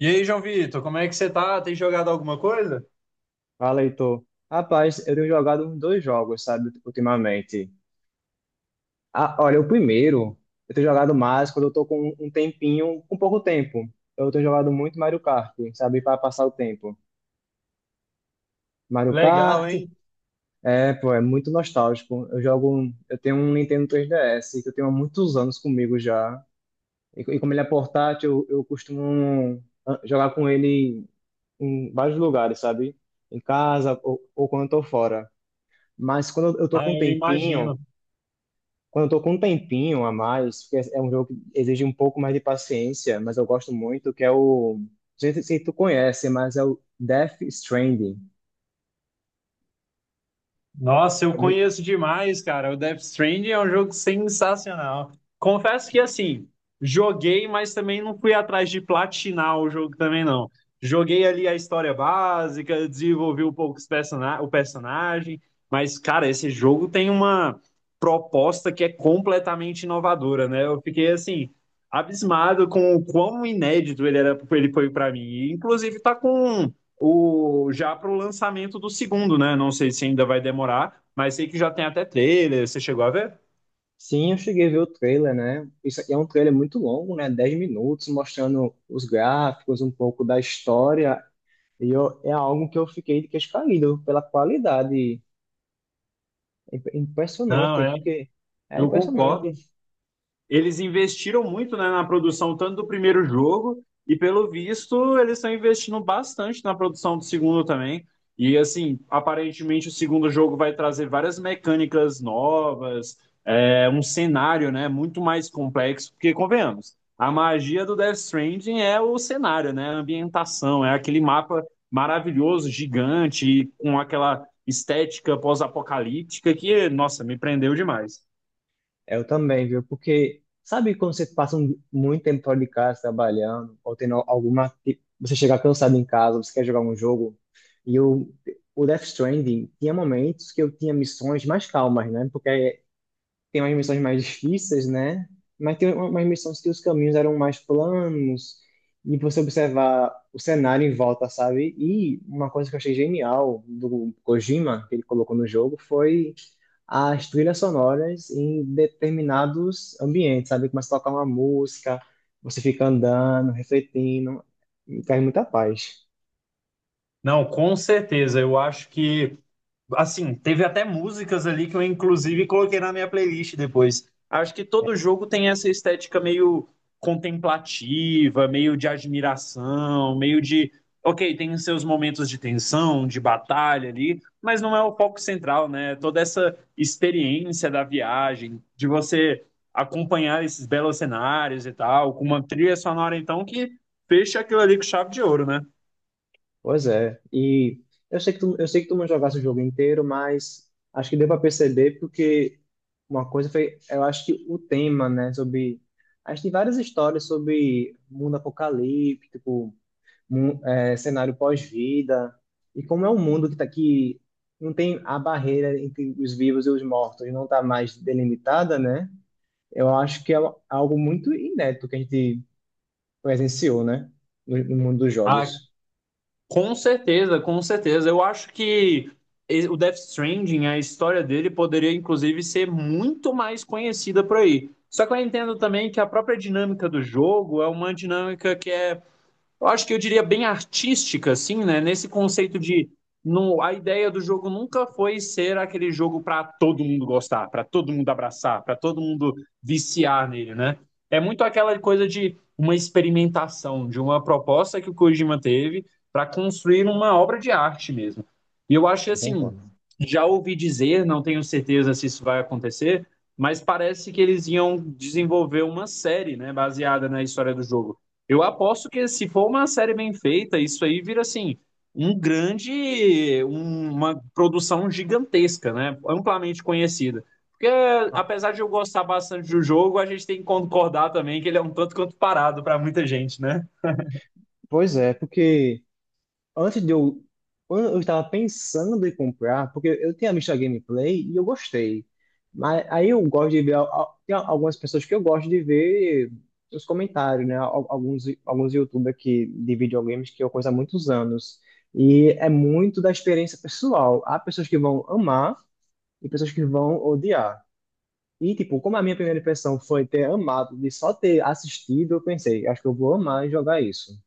E aí, João Vitor, como é que você tá? Tem jogado alguma coisa? Fala, Heitor. Rapaz, eu tenho jogado uns dois jogos, sabe, ultimamente. Ah, olha, o primeiro, eu tenho jogado mais quando eu tô com um tempinho, com pouco tempo. Eu tenho jogado muito Mario Kart, sabe, para passar o tempo. Mario Legal, Kart, hein? é, pô, é muito nostálgico. Eu tenho um Nintendo 3DS que eu tenho há muitos anos comigo já. E como ele é portátil, eu costumo jogar com ele em vários lugares, sabe? Em casa ou quando eu tô fora. Mas quando eu tô Ah, com um eu tempinho. imagino. Quando eu tô com um tempinho a mais, porque é um jogo que exige um pouco mais de paciência, mas eu gosto muito, que é o... Não sei se tu conhece, mas é o Death Stranding. Nossa, eu conheço demais, cara. O Death Stranding é um jogo sensacional. Confesso que, assim, joguei, mas também não fui atrás de platinar o jogo também, não. Joguei ali a história básica, desenvolvi um pouco o personagem, mas, cara, esse jogo tem uma proposta que é completamente inovadora, né? Eu fiquei, assim, abismado com o quão inédito ele era, ele foi pra mim. E, inclusive, tá com um já para o lançamento do segundo, né? Não sei se ainda vai demorar, mas sei que já tem até trailer. Você chegou a ver? Sim, eu cheguei a ver o trailer, né? Isso aqui é um trailer muito longo, né? 10 minutos, mostrando os gráficos, um pouco da história. E eu, é algo que eu fiquei de queixo caído pela qualidade. Não, Impressionante, porque é eu impressionante. concordo. Eles investiram muito, né, na produção tanto do primeiro jogo, e pelo visto eles estão investindo bastante na produção do segundo também. E assim, aparentemente o segundo jogo vai trazer várias mecânicas novas, um cenário, né, muito mais complexo, porque convenhamos, a magia do Death Stranding é o cenário, né, a ambientação, é aquele mapa maravilhoso, gigante, com aquela estética pós-apocalíptica que, nossa, me prendeu demais. Eu também, viu? Porque sabe quando você passa muito tempo fora de casa trabalhando, ou tendo Você chega cansado em casa, você quer jogar um jogo. E eu, o Death Stranding tinha momentos que eu tinha missões mais calmas, né? Porque tem umas missões mais difíceis, né? Mas tem umas missões que os caminhos eram mais planos, e você observar o cenário em volta, sabe? E uma coisa que eu achei genial do Kojima, que ele colocou no jogo, foi as trilhas sonoras em determinados ambientes, sabe? Começa a tocar uma música, você fica andando, refletindo, e traz muita paz. Não, com certeza. Eu acho que, assim, teve até músicas ali que eu inclusive coloquei na minha playlist depois. Acho que todo jogo tem essa estética meio contemplativa, meio de admiração, meio de, ok, tem os seus momentos de tensão, de batalha ali, mas não é o foco central, né? Toda essa experiência da viagem, de você acompanhar esses belos cenários e tal, com uma trilha sonora então que fecha aquilo ali com chave de ouro, né? Pois é. E eu sei que tu não jogasse o jogo inteiro, mas acho que deu para perceber porque uma coisa foi, eu acho que o tema, né, sobre acho que tem várias histórias sobre mundo apocalíptico, é, cenário pós-vida, e como é um mundo que tá aqui, não tem a barreira entre os vivos e os mortos, não está mais delimitada, né? Eu acho que é algo muito inédito que a gente presenciou, né? no mundo dos jogos. Com certeza, com certeza. Eu acho que o Death Stranding, a história dele poderia inclusive ser muito mais conhecida por aí. Só que eu entendo também que a própria dinâmica do jogo é uma dinâmica que é, eu acho que eu diria bem artística, assim, né? Nesse conceito de não, a ideia do jogo nunca foi ser aquele jogo para todo mundo gostar, para todo mundo abraçar, para todo mundo viciar nele, né? É muito aquela coisa de uma experimentação, de uma proposta que o Kojima teve para construir uma obra de arte mesmo. E eu acho que, Eu assim, concordo. já ouvi dizer, não tenho certeza se isso vai acontecer, mas parece que eles iam desenvolver uma série, né, baseada na história do jogo. Eu aposto que se for uma série bem feita, isso aí vira assim um grande, uma produção gigantesca, né? Amplamente conhecida. Porque Ah, apesar de eu gostar bastante do jogo, a gente tem que concordar também que ele é um tanto quanto parado para muita gente, né? pois é, porque antes de eu. Eu estava pensando em comprar, porque eu tinha visto a gameplay e eu gostei. Mas aí eu gosto de ver. Tem algumas pessoas que eu gosto de ver os comentários, né? Alguns YouTubers que, de videogames que eu conheço há muitos anos. E é muito da experiência pessoal. Há pessoas que vão amar e pessoas que vão odiar. E, tipo, como a minha primeira impressão foi ter amado, de só ter assistido, eu pensei, acho que eu vou amar e jogar isso.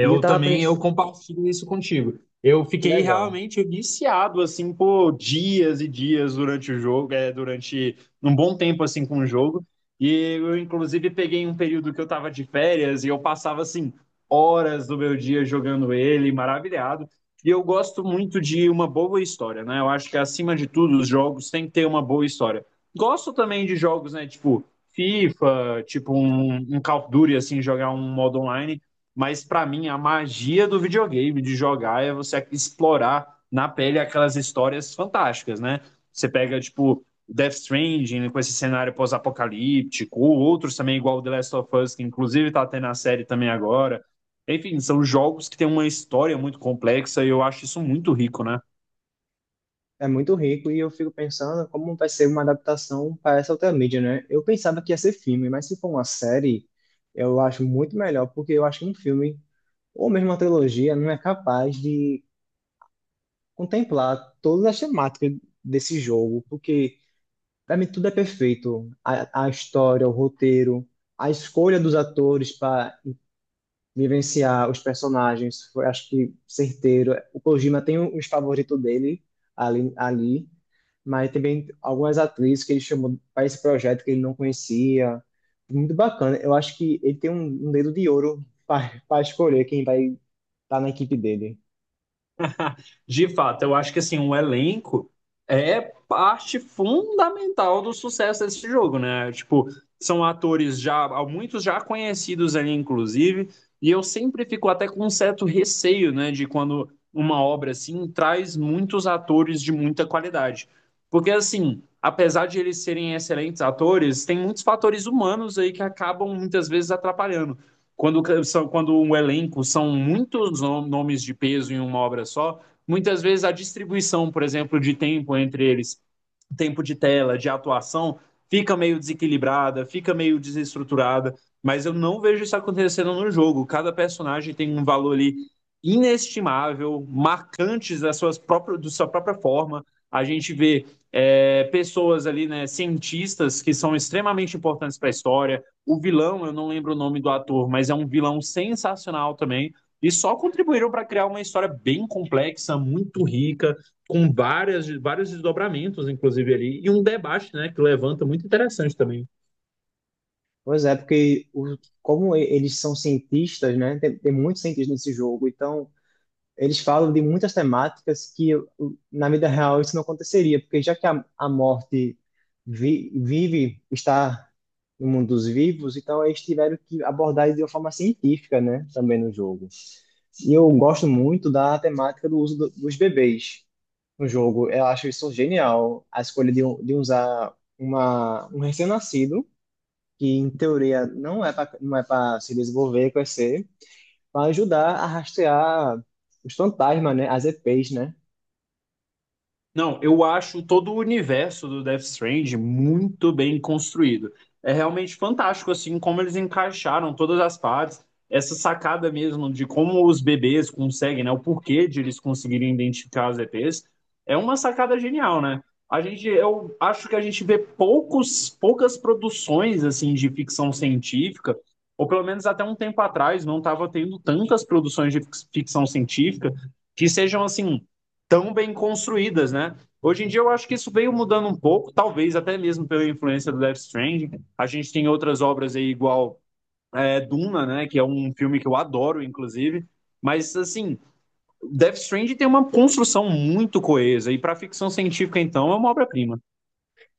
E eu tava também, eu pensando, compartilho isso contigo. Eu que fiquei legal. realmente viciado, assim, por dias e dias durante o jogo, durante um bom tempo, assim, com o jogo. E eu, inclusive, peguei um período que eu tava de férias e eu passava, assim, horas do meu dia jogando ele, maravilhado. E eu gosto muito de uma boa história, né? Eu acho que, acima de tudo, os jogos têm que ter uma boa história. Gosto também de jogos, né, tipo FIFA, tipo um Call of Duty, assim, jogar um modo online, mas para mim, a magia do videogame, de jogar, é você explorar na pele aquelas histórias fantásticas, né? Você pega, tipo, Death Stranding com esse cenário pós-apocalíptico, ou outros também, igual The Last of Us, que inclusive tá tendo a série também agora. Enfim, são jogos que têm uma história muito complexa e eu acho isso muito rico, né? É muito rico e eu fico pensando como vai ser uma adaptação para essa outra mídia, né? Eu pensava que ia ser filme, mas se for uma série, eu acho muito melhor, porque eu acho que um filme, ou mesmo uma trilogia, não é capaz de contemplar todas as temáticas desse jogo, porque para mim tudo é perfeito. A história, o roteiro, a escolha dos atores para vivenciar os personagens, foi, acho que certeiro. O Kojima tem uns favoritos dele ali, mas também algumas atrizes que ele chamou para esse projeto que ele não conhecia. Muito bacana. Eu acho que ele tem um dedo de ouro para escolher quem vai estar na equipe dele. De fato, eu acho que assim, o elenco é parte fundamental do sucesso desse jogo, né? Tipo, são atores já, muitos já conhecidos ali, inclusive, e eu sempre fico até com um certo receio, né, de quando uma obra assim traz muitos atores de muita qualidade. Porque assim, apesar de eles serem excelentes atores, tem muitos fatores humanos aí que acabam muitas vezes atrapalhando. Quando, são, quando um elenco são muitos nomes de peso em uma obra só, muitas vezes a distribuição, por exemplo, de tempo entre eles, tempo de tela, de atuação, fica meio desequilibrada, fica meio desestruturada, mas eu não vejo isso acontecendo no jogo. Cada personagem tem um valor ali inestimável, marcantes da, suas próprias, da sua própria forma. A gente vê pessoas ali, né, cientistas que são extremamente importantes para a história. O vilão, eu não lembro o nome do ator, mas é um vilão sensacional também. E só contribuíram para criar uma história bem complexa, muito rica, com várias, vários desdobramentos, inclusive ali, e um debate, né, que levanta muito interessante também. Pois é, porque o, Como eles são cientistas, né? Tem muitos cientistas nesse jogo, então eles falam de muitas temáticas que na vida real isso não aconteceria, porque já que a morte vive, está no mundo dos vivos, então eles tiveram que abordar isso de uma forma científica, né, também no jogo. E eu gosto muito da temática do uso dos bebês no jogo. Eu acho isso genial, a escolha de usar um recém-nascido, que em teoria não é para se desenvolver, crescer, para ajudar a rastrear os fantasmas, né? As EPs, né? Não, eu acho todo o universo do Death Stranding muito bem construído. É realmente fantástico, assim, como eles encaixaram todas as partes. Essa sacada mesmo de como os bebês conseguem, né? O porquê de eles conseguirem identificar as EPs é uma sacada genial, né? Eu acho que a gente vê poucos, poucas produções, assim, de ficção científica, ou pelo menos até um tempo atrás não estava tendo tantas produções de ficção científica que sejam, assim, tão bem construídas, né? Hoje em dia eu acho que isso veio mudando um pouco, talvez até mesmo pela influência do Death Stranding. A gente tem outras obras aí igual Duna, né? Que é um filme que eu adoro, inclusive. Mas assim, Death Stranding tem uma construção muito coesa e para ficção científica então é uma obra-prima.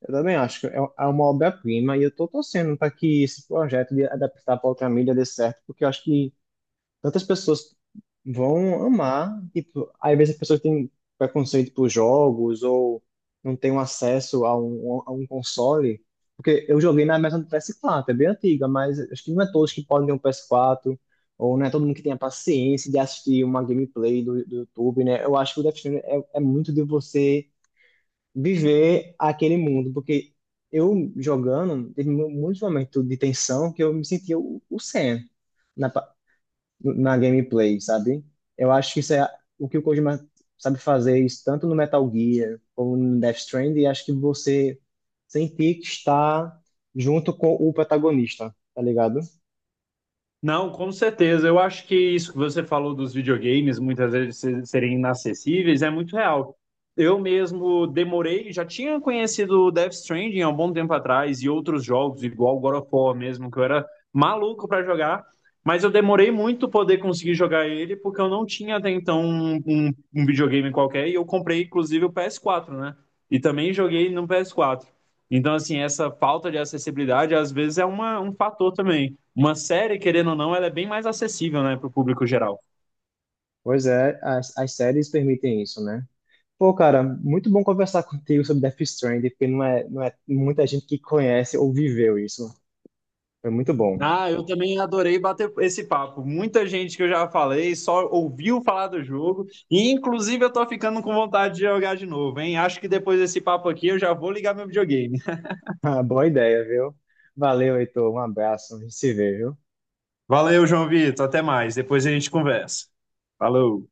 Eu também acho que é uma obra-prima e eu tô torcendo para que esse projeto de adaptar para outra mídia dê certo, porque eu acho que tantas pessoas vão amar. Tipo, às vezes as pessoas têm preconceito por jogos ou não têm um acesso a a um console. Porque eu joguei na mesa do PS4, é bem antiga, mas acho que não é todos que podem ter um PS4, ou não é todo mundo que tem a paciência de assistir uma gameplay do YouTube, né? Eu acho que o Death Stranding é muito de você viver aquele mundo, porque eu jogando, teve muitos momentos de tensão que eu me sentia o Sam na gameplay, sabe? Eu acho que isso é o que o Kojima sabe fazer, isso tanto no Metal Gear como no Death Stranding, e acho que você sentir que está junto com o protagonista, tá ligado? Não, com certeza. Eu acho que isso que você falou dos videogames muitas vezes serem inacessíveis é muito real. Eu mesmo demorei, já tinha conhecido o Death Stranding há um bom tempo atrás e outros jogos, igual o God of War mesmo, que eu era maluco para jogar, mas eu demorei muito poder conseguir jogar ele porque eu não tinha até então um videogame qualquer e eu comprei inclusive o PS4, né? E também joguei no PS4. Então, assim, essa falta de acessibilidade às vezes é um fator também. Uma série, querendo ou não, ela é bem mais acessível, né, para o público geral. Pois é, as séries permitem isso, né? Pô, cara, muito bom conversar contigo sobre Death Stranding, porque não é muita gente que conhece ou viveu isso. Foi muito bom. Ah, eu também adorei bater esse papo. Muita gente que eu já falei só ouviu falar do jogo e inclusive eu tô ficando com vontade de jogar de novo, hein? Acho que depois desse papo aqui eu já vou ligar meu videogame. Ah, boa ideia, viu? Valeu, Heitor. Um abraço. A gente se vê, viu? Valeu, João Vitor, até mais, depois a gente conversa. Falou.